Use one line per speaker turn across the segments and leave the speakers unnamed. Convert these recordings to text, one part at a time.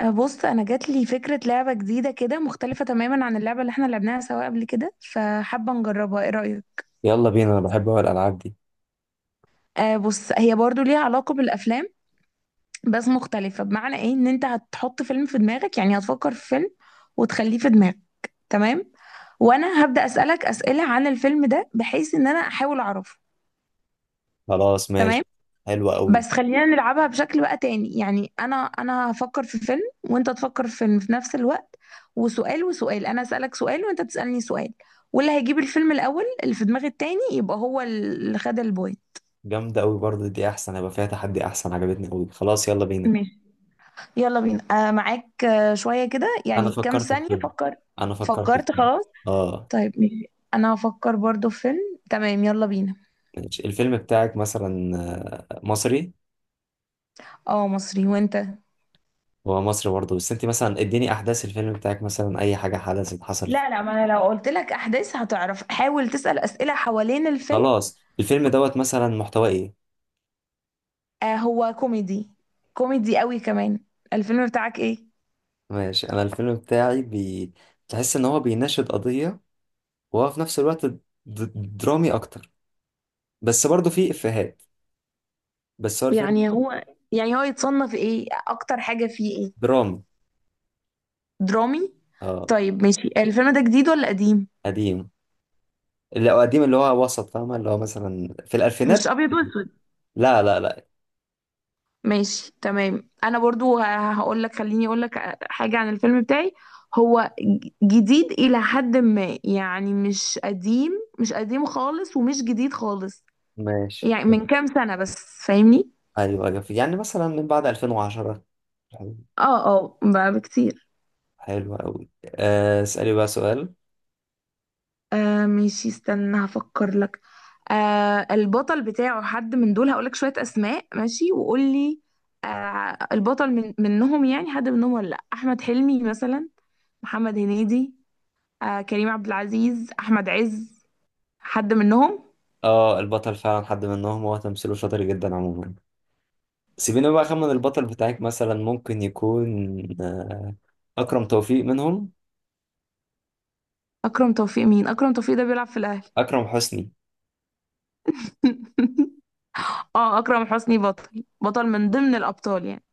أه، بص انا جات لي فكره لعبه جديده كده مختلفه تماما عن اللعبه اللي احنا لعبناها سوا قبل كده، فحابه نجربها. ايه رايك؟
يلا بينا، انا بحب أوي الالعاب دي.
أه بص، هي برضو ليها علاقه بالافلام، بس مختلفه. بمعنى ايه؟ ان انت هتحط فيلم في دماغك، يعني هتفكر في فيلم وتخليه في دماغك، تمام؟ وانا هبدا اسالك اسئله عن الفيلم ده بحيث ان انا احاول اعرفه.
خلاص
تمام.
ماشي. حلوة قوي.
بس خلينا نلعبها بشكل بقى تاني. يعني انا هفكر في فيلم وانت تفكر في فيلم في نفس الوقت، وسؤال وسؤال. انا اسالك سؤال وانت تسالني سؤال، واللي هيجيب الفيلم الاول اللي في دماغ التاني يبقى هو اللي خد البوينت.
جامدة قوي برضه، دي احسن، هيبقى فيها تحدي احسن، عجبتني قوي. خلاص يلا بينا.
ماشي، يلا بينا. آه معاك. شويه كده،
انا
يعني كام
فكرت في
ثانيه.
فيلم.
فكر.
انا فكرت في
فكرت؟
فيلم
خلاص،
اه
طيب ماشي. انا هفكر برضو في فيلم، تمام؟ يلا بينا.
ماشي، الفيلم بتاعك مثلا مصري.
اه مصري، وانت؟
هو مصري برضه، بس انت مثلا اديني احداث الفيلم بتاعك، مثلا اي حاجة حدثت حصل فيه.
لا لا، ما انا لو قلت لك احداث هتعرف. حاول تسال اسئله حوالين الفيلم.
خلاص الفيلم دوت مثلا محتواه ايه؟
آه هو كوميدي. كوميدي قوي كمان. الفيلم بتاعك ايه؟
ماشي، انا الفيلم بتاعي تحس ان هو بيناشد قضية، وهو في نفس الوقت درامي اكتر، بس برضه فيه افيهات، بس هو الفيلم.
يعني هو، يعني هو يتصنف ايه؟ اكتر حاجة فيه ايه؟
دراما.
درامي؟
اه،
طيب ماشي، الفيلم ده جديد ولا قديم؟
قديم، اللي هو قديم اللي هو وسط، فاهمة، اللي هو مثلا في
مش
الألفينات.
ابيض واسود؟
لا لا لا.
ماشي تمام، انا برضو هقول لك، خليني اقول لك حاجة عن الفيلم بتاعي. هو جديد الى حد ما، يعني مش قديم. مش قديم خالص ومش جديد خالص.
ماشي.
يعني من كام سنة بس. فاهمني؟
أيوة أيوة، يعني مثلا من بعد 2010. حلو.
اه اه، بقى بكتير.
حلو أوي. اسألي بقى سؤال.
آه ماشي، استنى هفكر لك. آه، البطل بتاعه حد من دول؟ هقولك شوية أسماء ماشي وقولي. آه، البطل من منهم؟ يعني حد منهم ولا لأ؟ أحمد حلمي مثلا، محمد هنيدي، آه كريم عبد العزيز، أحمد عز. حد منهم؟
اه البطل فعلا حد منهم، هو تمثيله شاطر جدا عموما. سيبيني بقى أخمن البطل بتاعك، مثلا ممكن يكون أكرم توفيق منهم.
أكرم توفيق؟ مين أكرم توفيق ده؟ بيلعب في الأهلي.
أكرم حسني.
اه أكرم حسني بطل، من ضمن الأبطال يعني.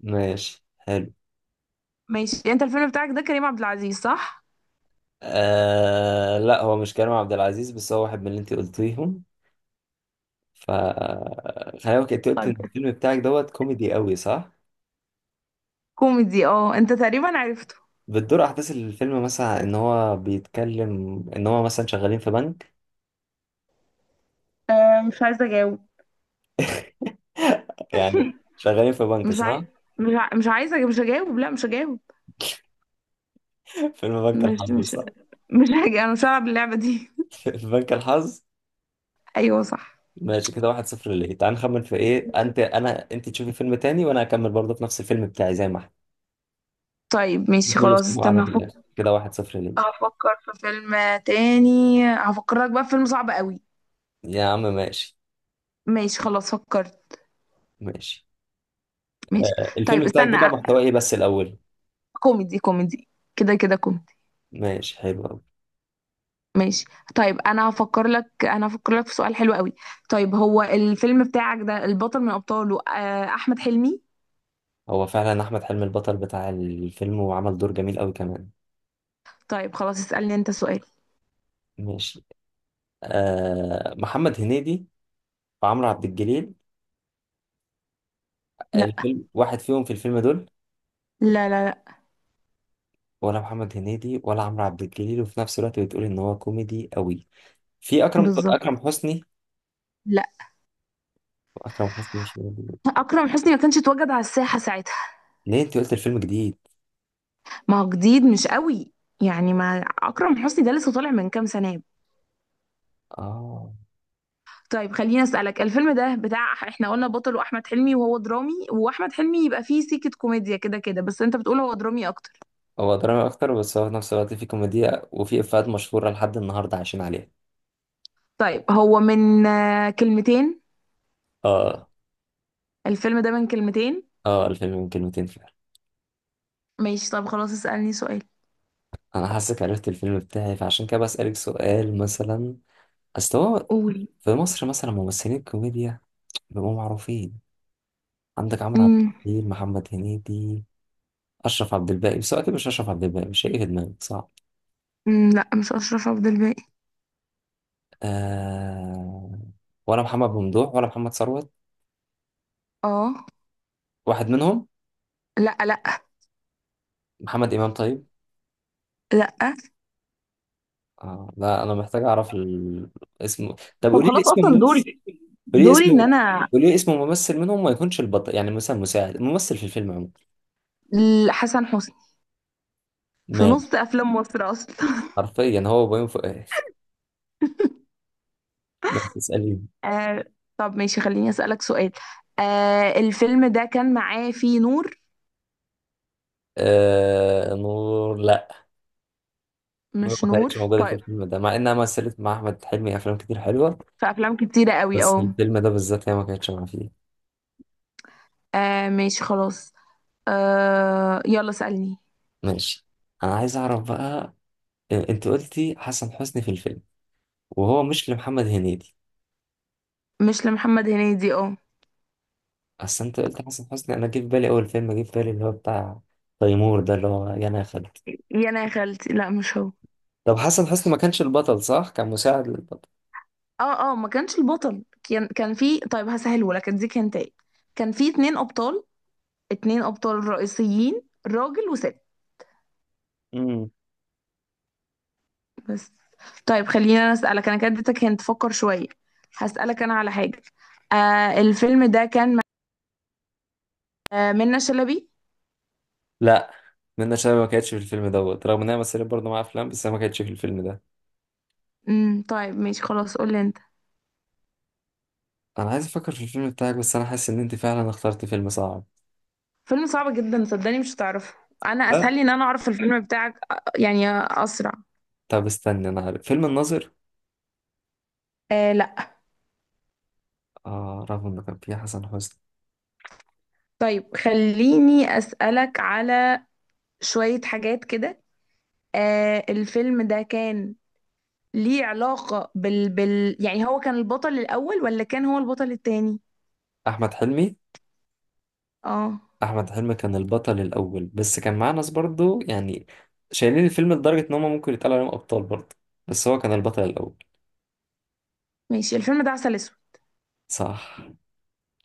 ماشي حلو.
ماشي. أنت الفيلم بتاعك ده كريم عبد العزيز، صح؟
آه لا، هو مش كريم عبد العزيز، بس هو واحد من اللي انت قلتيهم. ف خلي بالك انت قلت إن
طيب.
الفيلم بتاعك دوت كوميدي قوي، صح؟
كوميدي، اه أنت تقريبا عرفته.
بتدور احداث الفيلم مثلا ان هو بيتكلم ان هو مثلا شغالين في بنك.
آه مش عايزة أجاوب.
يعني شغالين في بنك،
مش
صح؟
عاي... مش ع... مش عايزة مش هجاوب لا مش هجاوب.
فيلم بنك
مش
الحظ،
مش
صح؟
مش حاجة، أنا صعب اللعبة دي.
في بنك الحظ.
أيوة صح.
ماشي، كده واحد صفر ليه. تعال نخمن في ايه، انت تشوفي فيلم تاني وانا هكمل برضه في نفس الفيلم بتاعي زي ما احنا.
طيب
شوف
ماشي
مين اللي
خلاص،
اسمه اعلى
استنى
في
هفكر.
الاخر، كده واحد صفر ليه.
هفكر في فيلم تاني. هفكرك بقى في فيلم صعب قوي.
يا عم ماشي.
ماشي خلاص، فكرت.
ماشي،
ماشي. طيب
الفيلم بتاعك ده
استنى
بقى محتواه ايه بس الاول؟
كوميدي كوميدي. كده كده كوميدي.
ماشي حلو.
ماشي. طيب، أنا هفكر لك في سؤال حلو قوي. طيب، هو الفيلم بتاعك ده البطل من أبطاله آه، أحمد حلمي؟
هو فعلا احمد حلمي البطل بتاع الفيلم، وعمل دور جميل قوي كمان.
طيب خلاص، اسألني أنت سؤال.
ماشي. آه محمد هنيدي وعمرو عبد الجليل.
لا.
الفيلم واحد فيهم في الفيلم دول؟
لا لا لا.
ولا محمد هنيدي ولا عمرو عبد الجليل، وفي نفس الوقت بتقول ان هو كوميدي قوي. في
بالظبط.
اكرم حسني.
لا.
اكرم حسني مش موجود.
أكرم حسني ما كانش اتوجد على الساحة ساعتها.
ليه انت قلت الفيلم جديد؟
ما هو جديد، مش قوي. يعني ما اكرم حسني ده لسه طالع من كام سنه.
اه.
طيب خليني اسالك. الفيلم ده بتاع، احنا قلنا بطله احمد حلمي وهو درامي، واحمد حلمي يبقى فيه سيكه كوميديا كده كده، بس انت بتقول هو درامي اكتر.
هو درامي اكتر، بس هو في نفس الوقت فيه كوميديا وفيه افيهات مشهورة لحد النهارده عايشين عليها.
طيب هو من آه، كلمتين؟
اه.
الفيلم ده من كلمتين؟
اه الفيلم من كلمتين فعلا.
ماشي. طب خلاص اسالني سؤال.
انا حاسك عرفت الفيلم بتاعي، فعشان كده بسألك سؤال مثلا. اصل هو،
قولي.
في مصر مثلا ممثلين الكوميديا بيبقوا معروفين. عندك عمرو عبد
امم.
الحليم، محمد هنيدي، اشرف عبد الباقي. بس هو اكيد مش اشرف عبد الباقي، مش هيجي في دماغي، صعب.
أمم، لا مش اشرف عبد الباقي.
آه... ولا محمد ممدوح، ولا محمد ثروت،
اه.
واحد منهم.
لا لا
محمد امام طيب.
لا.
لا انا محتاج اعرف اسمه. طب
طب
قولي لي
خلاص،
اسم
اصلا
الممثل.
دوري،
قولي لي
ان
اسمه.
انا،
قولي لي اسم ممثل منهم، ما يكونش البطل، يعني مثلا مساعد ممثل في الفيلم عموما.
حسن حسني في نص
مات.
افلام مصر اصلا.
حرفيا هو وبيومي فؤاد ما تسأليني.
آه. طب ماشي، خليني أسألك سؤال. آه الفيلم ده كان معاه فيه نور؟
نور لا. نور
مش
ما كانتش
نور؟
موجودة في
طيب.
الفيلم ده، مع إنها مثلت مع أحمد حلمي أفلام كتير حلوة.
في أفلام كتيرة قوي
بس
أهو.
الفيلم ده بالذات هي ما كانتش معاه فيه.
آه ماشي خلاص. آه يلا سألني.
ماشي. أنا عايز أعرف بقى أنت قلتي حسن حسني في الفيلم وهو مش لمحمد هنيدي.
مش لمحمد هنيدي، اه.
أصل أنت قلت حسن حسني، أنا جه في بالي أول فيلم جه في بالي، اللي هو بتاع تيمور ده، اللي هو يا أنا يا خالد.
يا انا يا خالتي، لا مش هو.
طب حسن حسني ما كانش البطل صح؟ كان مساعد للبطل.
اه اه، ما كانش البطل. كان في، طيب هسهله لك اديك انت. كان في 2 ابطال، رئيسيين، راجل وست.
امم.
بس. طيب خليني انا اسالك، انا كده اديتك، هنت فكر شويه. هسالك انا على حاجه. آه الفيلم ده كان مع آه منة شلبي.
لا، منة شلبي ما كانتش في الفيلم دوت، رغم انها مثلت برضه مع افلام، بس هي ما كانتش في الفيلم ده.
طيب ماشي خلاص، قول لي انت.
انا عايز افكر في الفيلم بتاعك، بس انا حاسس ان انت فعلا اخترت فيلم صعب.
فيلم صعب جدا صدقني، مش هتعرفه. انا اسهل لي ان انا اعرف الفيلم بتاعك آه، يعني اسرع.
طب استنى، انا عارف فيلم الناظر،
آه لا.
آه رغم انه كان فيه حسن حسني.
طيب خليني اسالك على شويه حاجات كده. آه الفيلم ده كان ليه علاقه بال... بال يعني، هو كان البطل الاول ولا كان هو البطل التاني؟
احمد حلمي.
اه.
احمد حلمي كان البطل الاول، بس كان معاه ناس برضه يعني شايلين الفيلم لدرجة ان هم ممكن يتقال عليهم ابطال برضه، بس هو كان البطل الاول.
ماشي، الفيلم ده عسل اسود.
صح.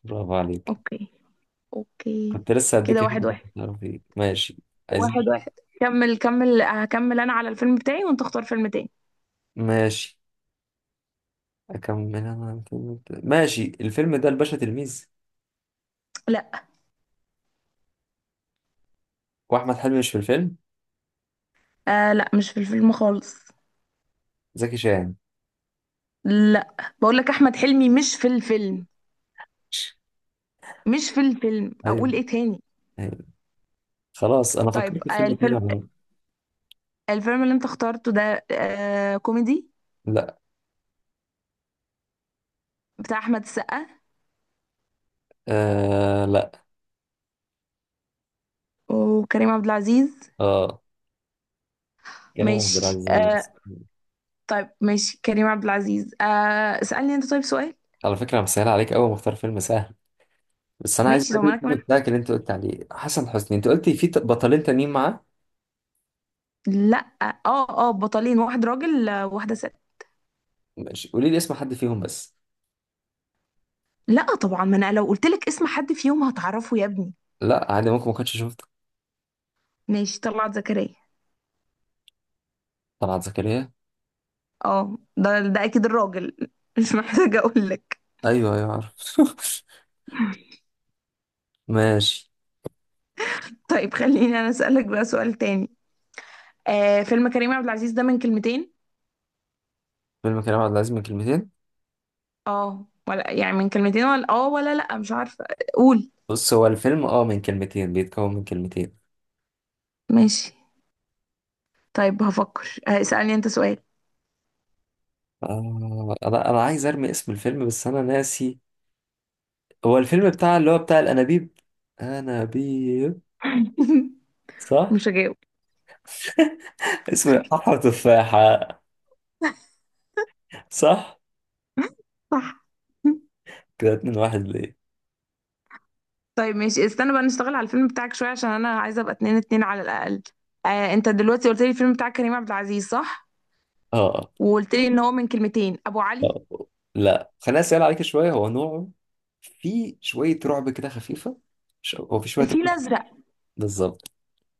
برافو عليك.
اوكي. اوكي.
كنت لسه هديك
كده
هنا
واحد
كنت
واحد
هتعرف ايه. ماشي. عايزين.
واحد واحد. كمل، هكمل انا على الفيلم بتاعي، وانت اختار فيلم تاني.
ماشي، اكمل انا الفيلم ده. ماشي الفيلم ده الباشا تلميذ.
لا.
واحمد حلمي مش في الفيلم.
آه لا، مش في الفيلم خالص.
زكي شان.
لا. بقول لك احمد حلمي مش في الفيلم. مش في الفيلم.
ايوه
اقول ايه تاني؟
ايوه، خلاص انا
طيب،
فكرت في
آه
فيلم تاني
الفيلم،
عموما.
الفيلم اللي انت اخترته ده آه كوميدي؟
لا.
بتاع احمد السقا
آه لا.
وكريم عبد العزيز؟
اه، كريم عبد
ماشي
العزيز على مصر.
آه. طيب ماشي، كريم عبد العزيز آه. اسألني انت طيب سؤال.
على فكرة أنا مسهل عليك أوي، مختار فيلم سهل. بس أنا عايز
ماشي.
بقى
طب
أجيب
ما انا
الفيلم
كمان،
بتاعك، اللي أنت قلت عليه حسن حسني، أنت قلت في بطلين تانيين معاه.
لا. اه اه، بطلين، واحد راجل آه، واحدة ست.
ماشي قولي لي اسم حد فيهم بس.
لا طبعا، ما انا لو قلت لك اسم حد فيهم هتعرفه يا ابني.
لا عادي، ممكن ما كنتش شفته.
ماشي، طلعت زكريا.
طلعت زكريا.
اه ده اكيد الراجل مش محتاجه اقول لك.
أيوه أيوه عارف. ماشي.
طيب خليني انا اسالك بقى سؤال تاني. آه، فيلم كريم عبد العزيز ده من كلمتين؟
فيلم كريم عبد العزيز من كلمتين.
اه ولا يعني من كلمتين ولا اه، ولا لا مش عارفه. قول.
بص هو الفيلم أه من كلمتين، بيتكون من كلمتين.
ماشي. طيب هفكر آه، اسالني انت سؤال.
آه أنا عايز أرمي اسم الفيلم بس أنا ناسي. هو الفيلم بتاع اللي هو بتاع الأنابيب. أنابيب. صح؟
مش هجاوب.
اسمه حفرة تفاحة، صح؟
صح.
كده اتنين واحد ليه.
طيب ماشي، استنى بقى نشتغل على الفيلم بتاعك شويه، عشان انا عايزه ابقى 2-2 على الاقل. آه انت دلوقتي قلت لي الفيلم بتاع كريم عبد العزيز، صح؟
اه.
وقلت لي ان هو من كلمتين. ابو علي.
آه. لا خليني اسال عليك شويه هو نوعه. في شويه رعب كده خفيفه. هو في شويه
الفيل
رعب.
الازرق.
بالظبط.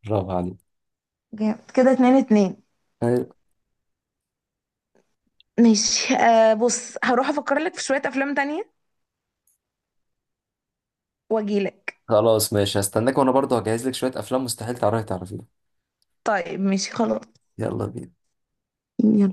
برافو عليك.
جامد. كده 2-2.
طيب.
ماشي آه، بص هروح افكر لك في شوية افلام تانية واجيلك.
خلاص ماشي، هستناك وانا برضه هجهز لك شويه افلام مستحيل تعرفيها.
طيب ماشي خلاص.
يلا بينا.
يلا.